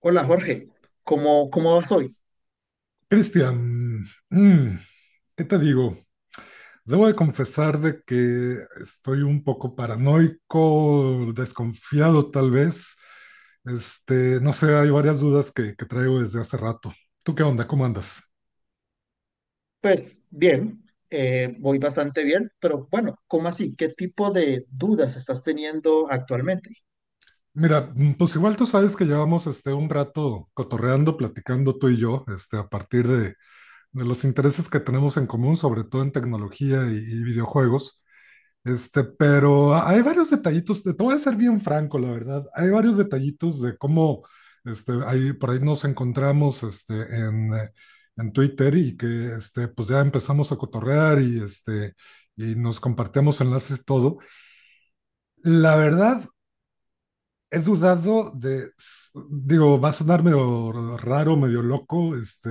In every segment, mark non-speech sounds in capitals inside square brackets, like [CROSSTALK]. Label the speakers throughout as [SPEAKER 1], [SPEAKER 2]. [SPEAKER 1] Hola Jorge, ¿Cómo vas hoy?
[SPEAKER 2] Cristian, mm, ¿qué te digo? Debo de confesar de que estoy un poco paranoico, desconfiado tal vez. No sé, hay varias dudas que traigo desde hace rato. ¿Tú qué onda? ¿Cómo andas?
[SPEAKER 1] Pues bien, voy bastante bien, pero bueno, ¿cómo así? ¿Qué tipo de dudas estás teniendo actualmente?
[SPEAKER 2] Mira, pues igual tú sabes que llevamos este, un rato cotorreando, platicando tú y yo, este, a partir de los intereses que tenemos en común, sobre todo en tecnología y videojuegos. Este, pero hay varios detallitos, te voy a ser bien franco, la verdad. Hay varios detallitos de cómo, este, ahí, por ahí nos encontramos, este, en Twitter y que, este, pues ya empezamos a cotorrear y, este, y nos compartíamos enlaces y todo. La verdad, he dudado de, digo, va a sonar medio raro, medio loco, este,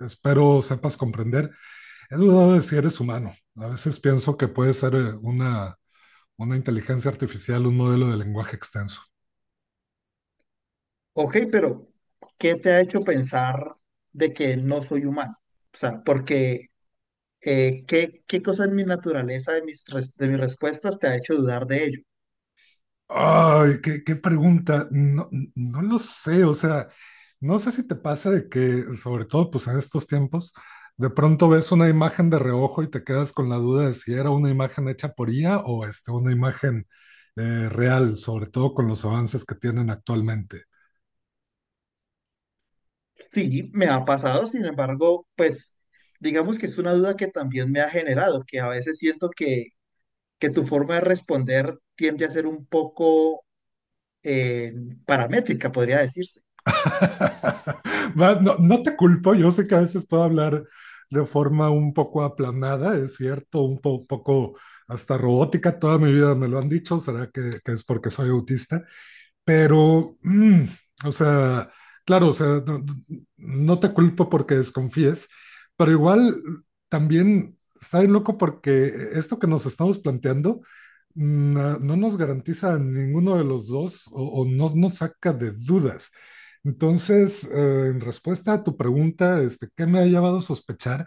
[SPEAKER 2] espero sepas comprender. He dudado de si eres humano. A veces pienso que puede ser una inteligencia artificial, un modelo de lenguaje extenso.
[SPEAKER 1] Ok, pero ¿qué te ha hecho pensar de que no soy humano? O sea, porque ¿qué, qué cosa en mi naturaleza, de de mis respuestas, te ha hecho dudar de ello?
[SPEAKER 2] Ay, qué pregunta. No, no lo sé, o sea, no sé si te pasa de que, sobre todo pues en estos tiempos, de pronto ves una imagen de reojo y te quedas con la duda de si era una imagen hecha por IA o este, una imagen real, sobre todo con los avances que tienen actualmente.
[SPEAKER 1] Sí, me ha pasado, sin embargo, pues digamos que es una duda que también me ha generado, que a veces siento que tu forma de responder tiende a ser un poco eh, paramétrica, podría decirse.
[SPEAKER 2] [LAUGHS] No, no te culpo, yo sé que a veces puedo hablar de forma un poco aplanada, es cierto, un poco hasta robótica, toda mi vida me lo han dicho, será que es porque soy autista, pero, o sea, claro, o sea, no, no te culpo porque desconfíes, pero igual también está bien loco porque esto que nos estamos planteando no, no nos garantiza a ninguno de los dos o no nos saca de dudas. Entonces, en respuesta a tu pregunta, este, ¿qué me ha llevado a sospechar?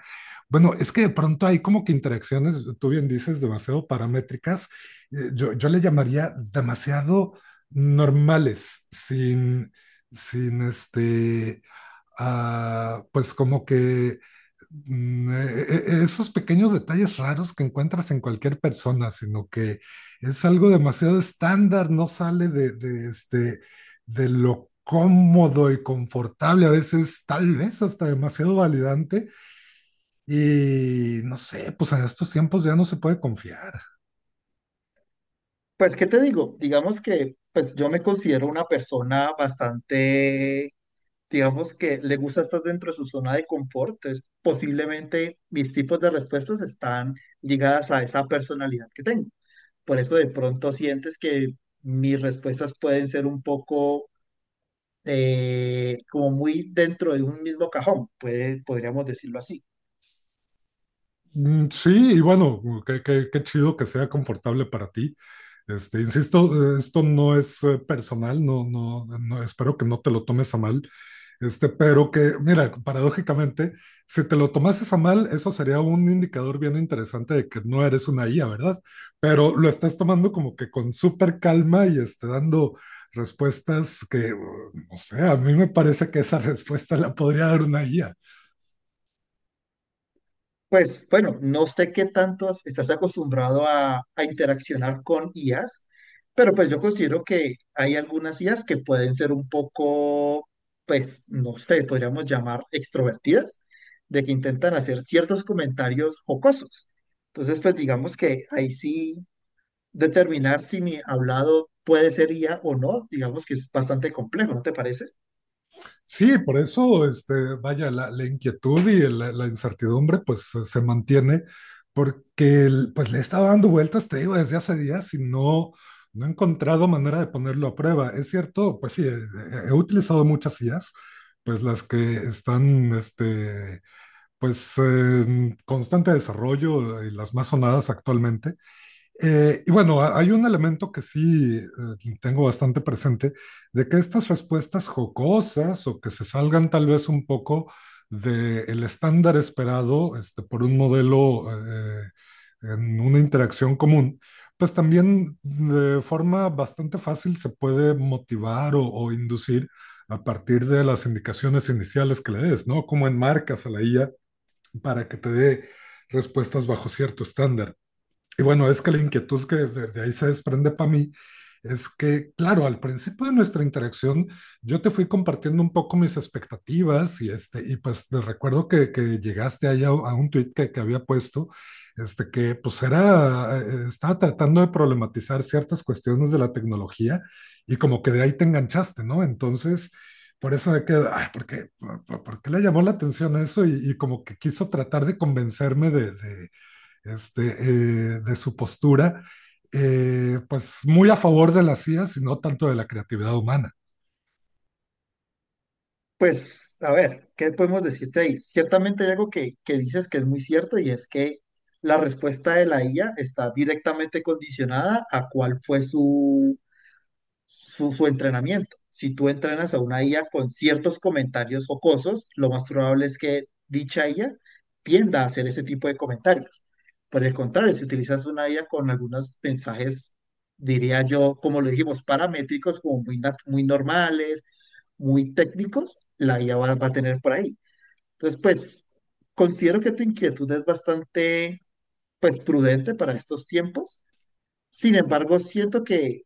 [SPEAKER 2] Bueno, es que de pronto hay como que interacciones, tú bien dices, demasiado paramétricas. Yo le llamaría demasiado normales, sin, sin este, ah, pues como que mm, e- esos pequeños detalles raros que encuentras en cualquier persona, sino que es algo demasiado estándar, no sale de, este, de lo cómodo y confortable, a veces tal vez hasta demasiado validante, y no sé, pues en estos tiempos ya no se puede confiar.
[SPEAKER 1] Pues, ¿qué te digo? Digamos que pues yo me considero una persona bastante, digamos que le gusta estar dentro de su zona de confort. Entonces, posiblemente mis tipos de respuestas están ligadas a esa personalidad que tengo. Por eso de pronto sientes que mis respuestas pueden ser un poco como muy dentro de un mismo cajón, podríamos decirlo así.
[SPEAKER 2] Sí, y bueno, qué, qué chido que sea confortable para ti. Este, insisto, esto no es personal, no, no, no, espero que no te lo tomes a mal. Este, pero que, mira, paradójicamente, si te lo tomases a mal, eso sería un indicador bien interesante de que no eres una IA, ¿verdad? Pero lo estás tomando como que con súper calma y este, dando respuestas que, no sé, a mí me parece que esa [LAUGHS] respuesta la podría dar una IA.
[SPEAKER 1] Pues bueno, no sé qué tanto estás acostumbrado a interaccionar con IAs, pero pues yo considero que hay algunas IAs que pueden ser un poco, pues no sé, podríamos llamar extrovertidas, de que intentan hacer ciertos comentarios jocosos. Entonces, pues digamos que ahí sí determinar si mi hablado puede ser IA o no, digamos que es bastante complejo, ¿no te parece?
[SPEAKER 2] Sí, por eso, este, vaya, la inquietud y la incertidumbre, pues se mantiene, porque pues le he estado dando vueltas, te digo, desde hace días y no, no he encontrado manera de ponerlo a prueba. Es cierto, pues sí, he utilizado muchas IAs, pues las que están, este, pues en constante desarrollo y las más sonadas actualmente y bueno, hay un elemento que sí tengo bastante presente, de que estas respuestas jocosas o que se salgan tal vez un poco del estándar esperado este, por un modelo en una interacción común, pues también de forma bastante fácil se puede motivar o inducir a partir de las indicaciones iniciales que le des, ¿no? Cómo enmarcas a la IA para que te dé respuestas bajo cierto estándar. Y bueno, es que la inquietud que de ahí se desprende para mí es que, claro, al principio de nuestra interacción yo te fui compartiendo un poco mis expectativas y, este, y pues te recuerdo que llegaste ahí a un tuit que, había puesto, este, que pues era, estaba tratando de problematizar ciertas cuestiones de la tecnología y como que de ahí te enganchaste, ¿no? Entonces, por eso de que, ay, ¿por qué, por qué le llamó la atención eso? Y, como que quiso tratar de convencerme de este, de su postura, pues muy a favor de la CIA, sino tanto de la creatividad humana.
[SPEAKER 1] Pues, a ver, ¿qué podemos decirte ahí? Ciertamente hay algo que dices que es muy cierto y es que la respuesta de la IA está directamente condicionada a cuál fue su entrenamiento. Si tú entrenas a una IA con ciertos comentarios jocosos, lo más probable es que dicha IA tienda a hacer ese tipo de comentarios. Por el contrario, si utilizas una IA con algunos mensajes, diría yo, como lo dijimos, paramétricos, como muy normales, muy técnicos, la IA va a tener por ahí. Entonces, pues, considero que tu inquietud es bastante, pues, prudente para estos tiempos. Sin embargo, siento que,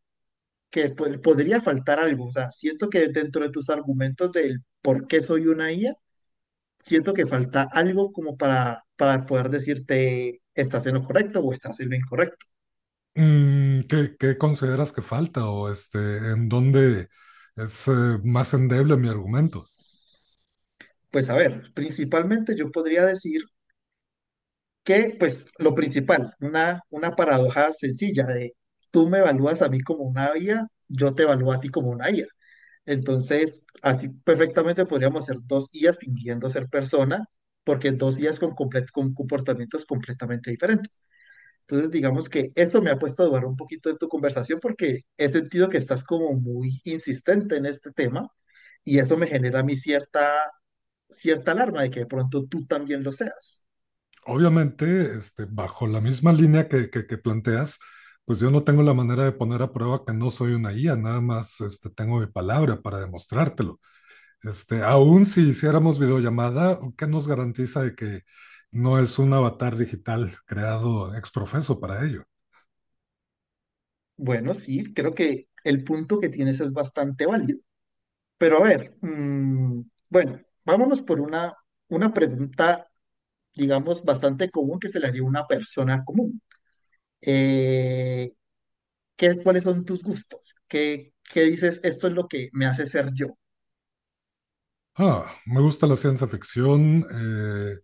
[SPEAKER 1] que po- podría faltar algo. O sea, siento que dentro de tus argumentos del por qué soy una IA, siento que falta algo como para poder decirte estás en lo correcto o estás en lo incorrecto.
[SPEAKER 2] ¿Qué, qué consideras que falta o este, en dónde es más endeble mi argumento?
[SPEAKER 1] Pues a ver, principalmente yo podría decir que, pues lo principal, una paradoja sencilla de tú me evalúas a mí como una IA, yo te evalúo a ti como una IA. Entonces, así perfectamente podríamos ser dos IAs fingiendo ser persona, porque dos IAs con comportamientos completamente diferentes. Entonces, digamos que eso me ha puesto a dudar un poquito de tu conversación porque he sentido que estás como muy insistente en este tema y eso me genera a mí cierta alarma de que de pronto tú también lo seas.
[SPEAKER 2] Obviamente, este, bajo la misma línea que planteas, pues yo no tengo la manera de poner a prueba que no soy una guía, nada más este, tengo mi palabra para demostrártelo. Este, aún si hiciéramos videollamada, ¿qué nos garantiza de que no es un avatar digital creado ex profeso para ello?
[SPEAKER 1] Bueno, sí, creo que el punto que tienes es bastante válido. Pero a ver, bueno, vámonos por una pregunta, digamos, bastante común que se le haría a una persona común. Eh, ¿Qué, cuáles son tus gustos? ¿Qué, qué dices? Esto es lo que me hace ser yo.
[SPEAKER 2] Ah, me gusta la ciencia ficción,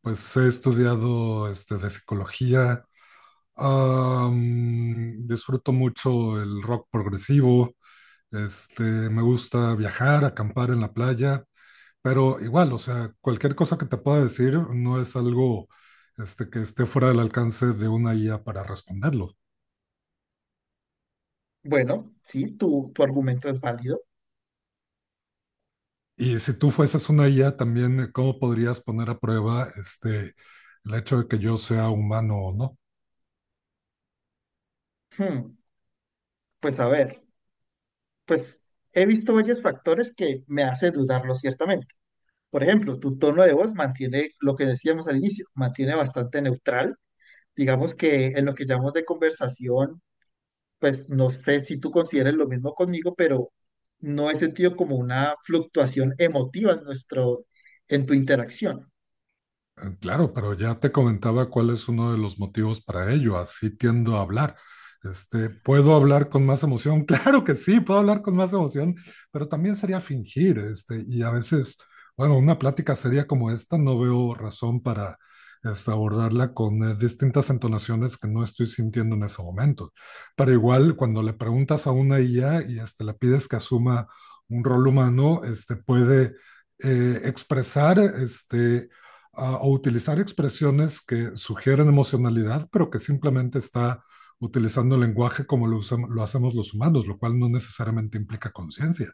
[SPEAKER 2] pues he estudiado este, de psicología, disfruto mucho el rock progresivo, este, me gusta viajar, acampar en la playa, pero igual, o sea, cualquier cosa que te pueda decir no es algo este, que esté fuera del alcance de una IA para responderlo.
[SPEAKER 1] Bueno, sí, tu argumento es válido.
[SPEAKER 2] Y si tú fueses una IA también, ¿cómo podrías poner a prueba este, el hecho de que yo sea humano o no?
[SPEAKER 1] Hmm, pues a ver, pues he visto varios factores que me hace dudarlo ciertamente. Por ejemplo, tu tono de voz mantiene lo que decíamos al inicio, mantiene bastante neutral. Digamos que en lo que llamamos de conversación, pues no sé si tú consideres lo mismo conmigo, pero no he sentido como una fluctuación emotiva en nuestro, en tu interacción.
[SPEAKER 2] Claro, pero ya te comentaba cuál es uno de los motivos para ello. Así tiendo a hablar. Este, ¿puedo hablar con más emoción? [LAUGHS] Claro que sí, puedo hablar con más emoción, pero también sería fingir, este, y a veces, bueno, una plática seria como esta, no veo razón para este, abordarla con distintas entonaciones que no estoy sintiendo en ese momento. Pero igual, cuando le preguntas a una IA y este, le pides que asuma un rol humano, este, puede expresar este, a utilizar expresiones que sugieren emocionalidad, pero que simplemente está utilizando el lenguaje como lo, lo hacemos los humanos, lo cual no necesariamente implica conciencia.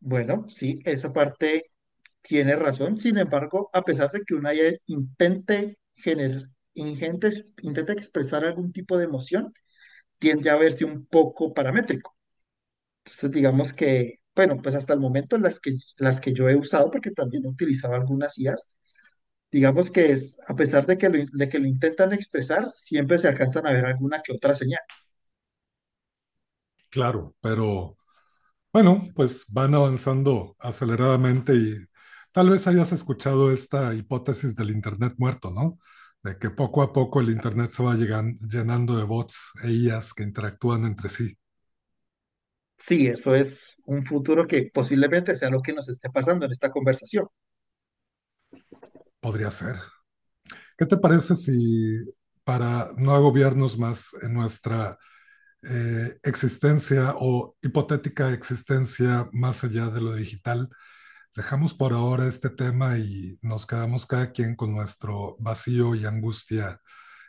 [SPEAKER 1] Bueno, sí, esa parte tiene razón. Sin embargo, a pesar de que una ya intente generar, intente, intente expresar algún tipo de emoción, tiende a verse un poco paramétrica. Entonces, digamos que, bueno, pues hasta el momento las que yo he usado, porque también he utilizado algunas IAs, digamos que es, a pesar de que de que lo intentan expresar, siempre se alcanzan a ver alguna que otra señal.
[SPEAKER 2] Claro, pero bueno, pues van avanzando aceleradamente y tal vez hayas escuchado esta hipótesis del Internet muerto, ¿no? De que poco a poco el Internet se va llenando de bots e IAs que interactúan entre sí.
[SPEAKER 1] Sí, eso es un futuro que posiblemente sea lo que nos esté pasando en esta conversación.
[SPEAKER 2] Podría ser. ¿Qué te parece si para no agobiarnos más en nuestra existencia o hipotética existencia más allá de lo digital, dejamos por ahora este tema y nos quedamos cada quien con nuestro vacío y angustia?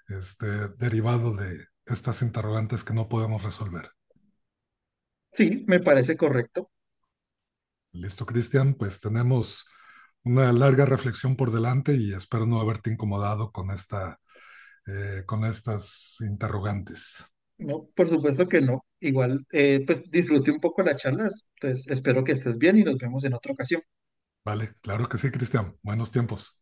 [SPEAKER 2] Este, derivado de estas interrogantes que no podemos resolver.
[SPEAKER 1] Sí, me parece correcto.
[SPEAKER 2] Listo, Cristian, pues tenemos una larga reflexión por delante y espero no haberte incomodado con, esta, con estas interrogantes.
[SPEAKER 1] No, por supuesto que no. Igual, pues disfruté un poco las charlas, entonces espero que estés bien y nos vemos en otra ocasión.
[SPEAKER 2] Vale, claro que sí, Cristian. Buenos tiempos.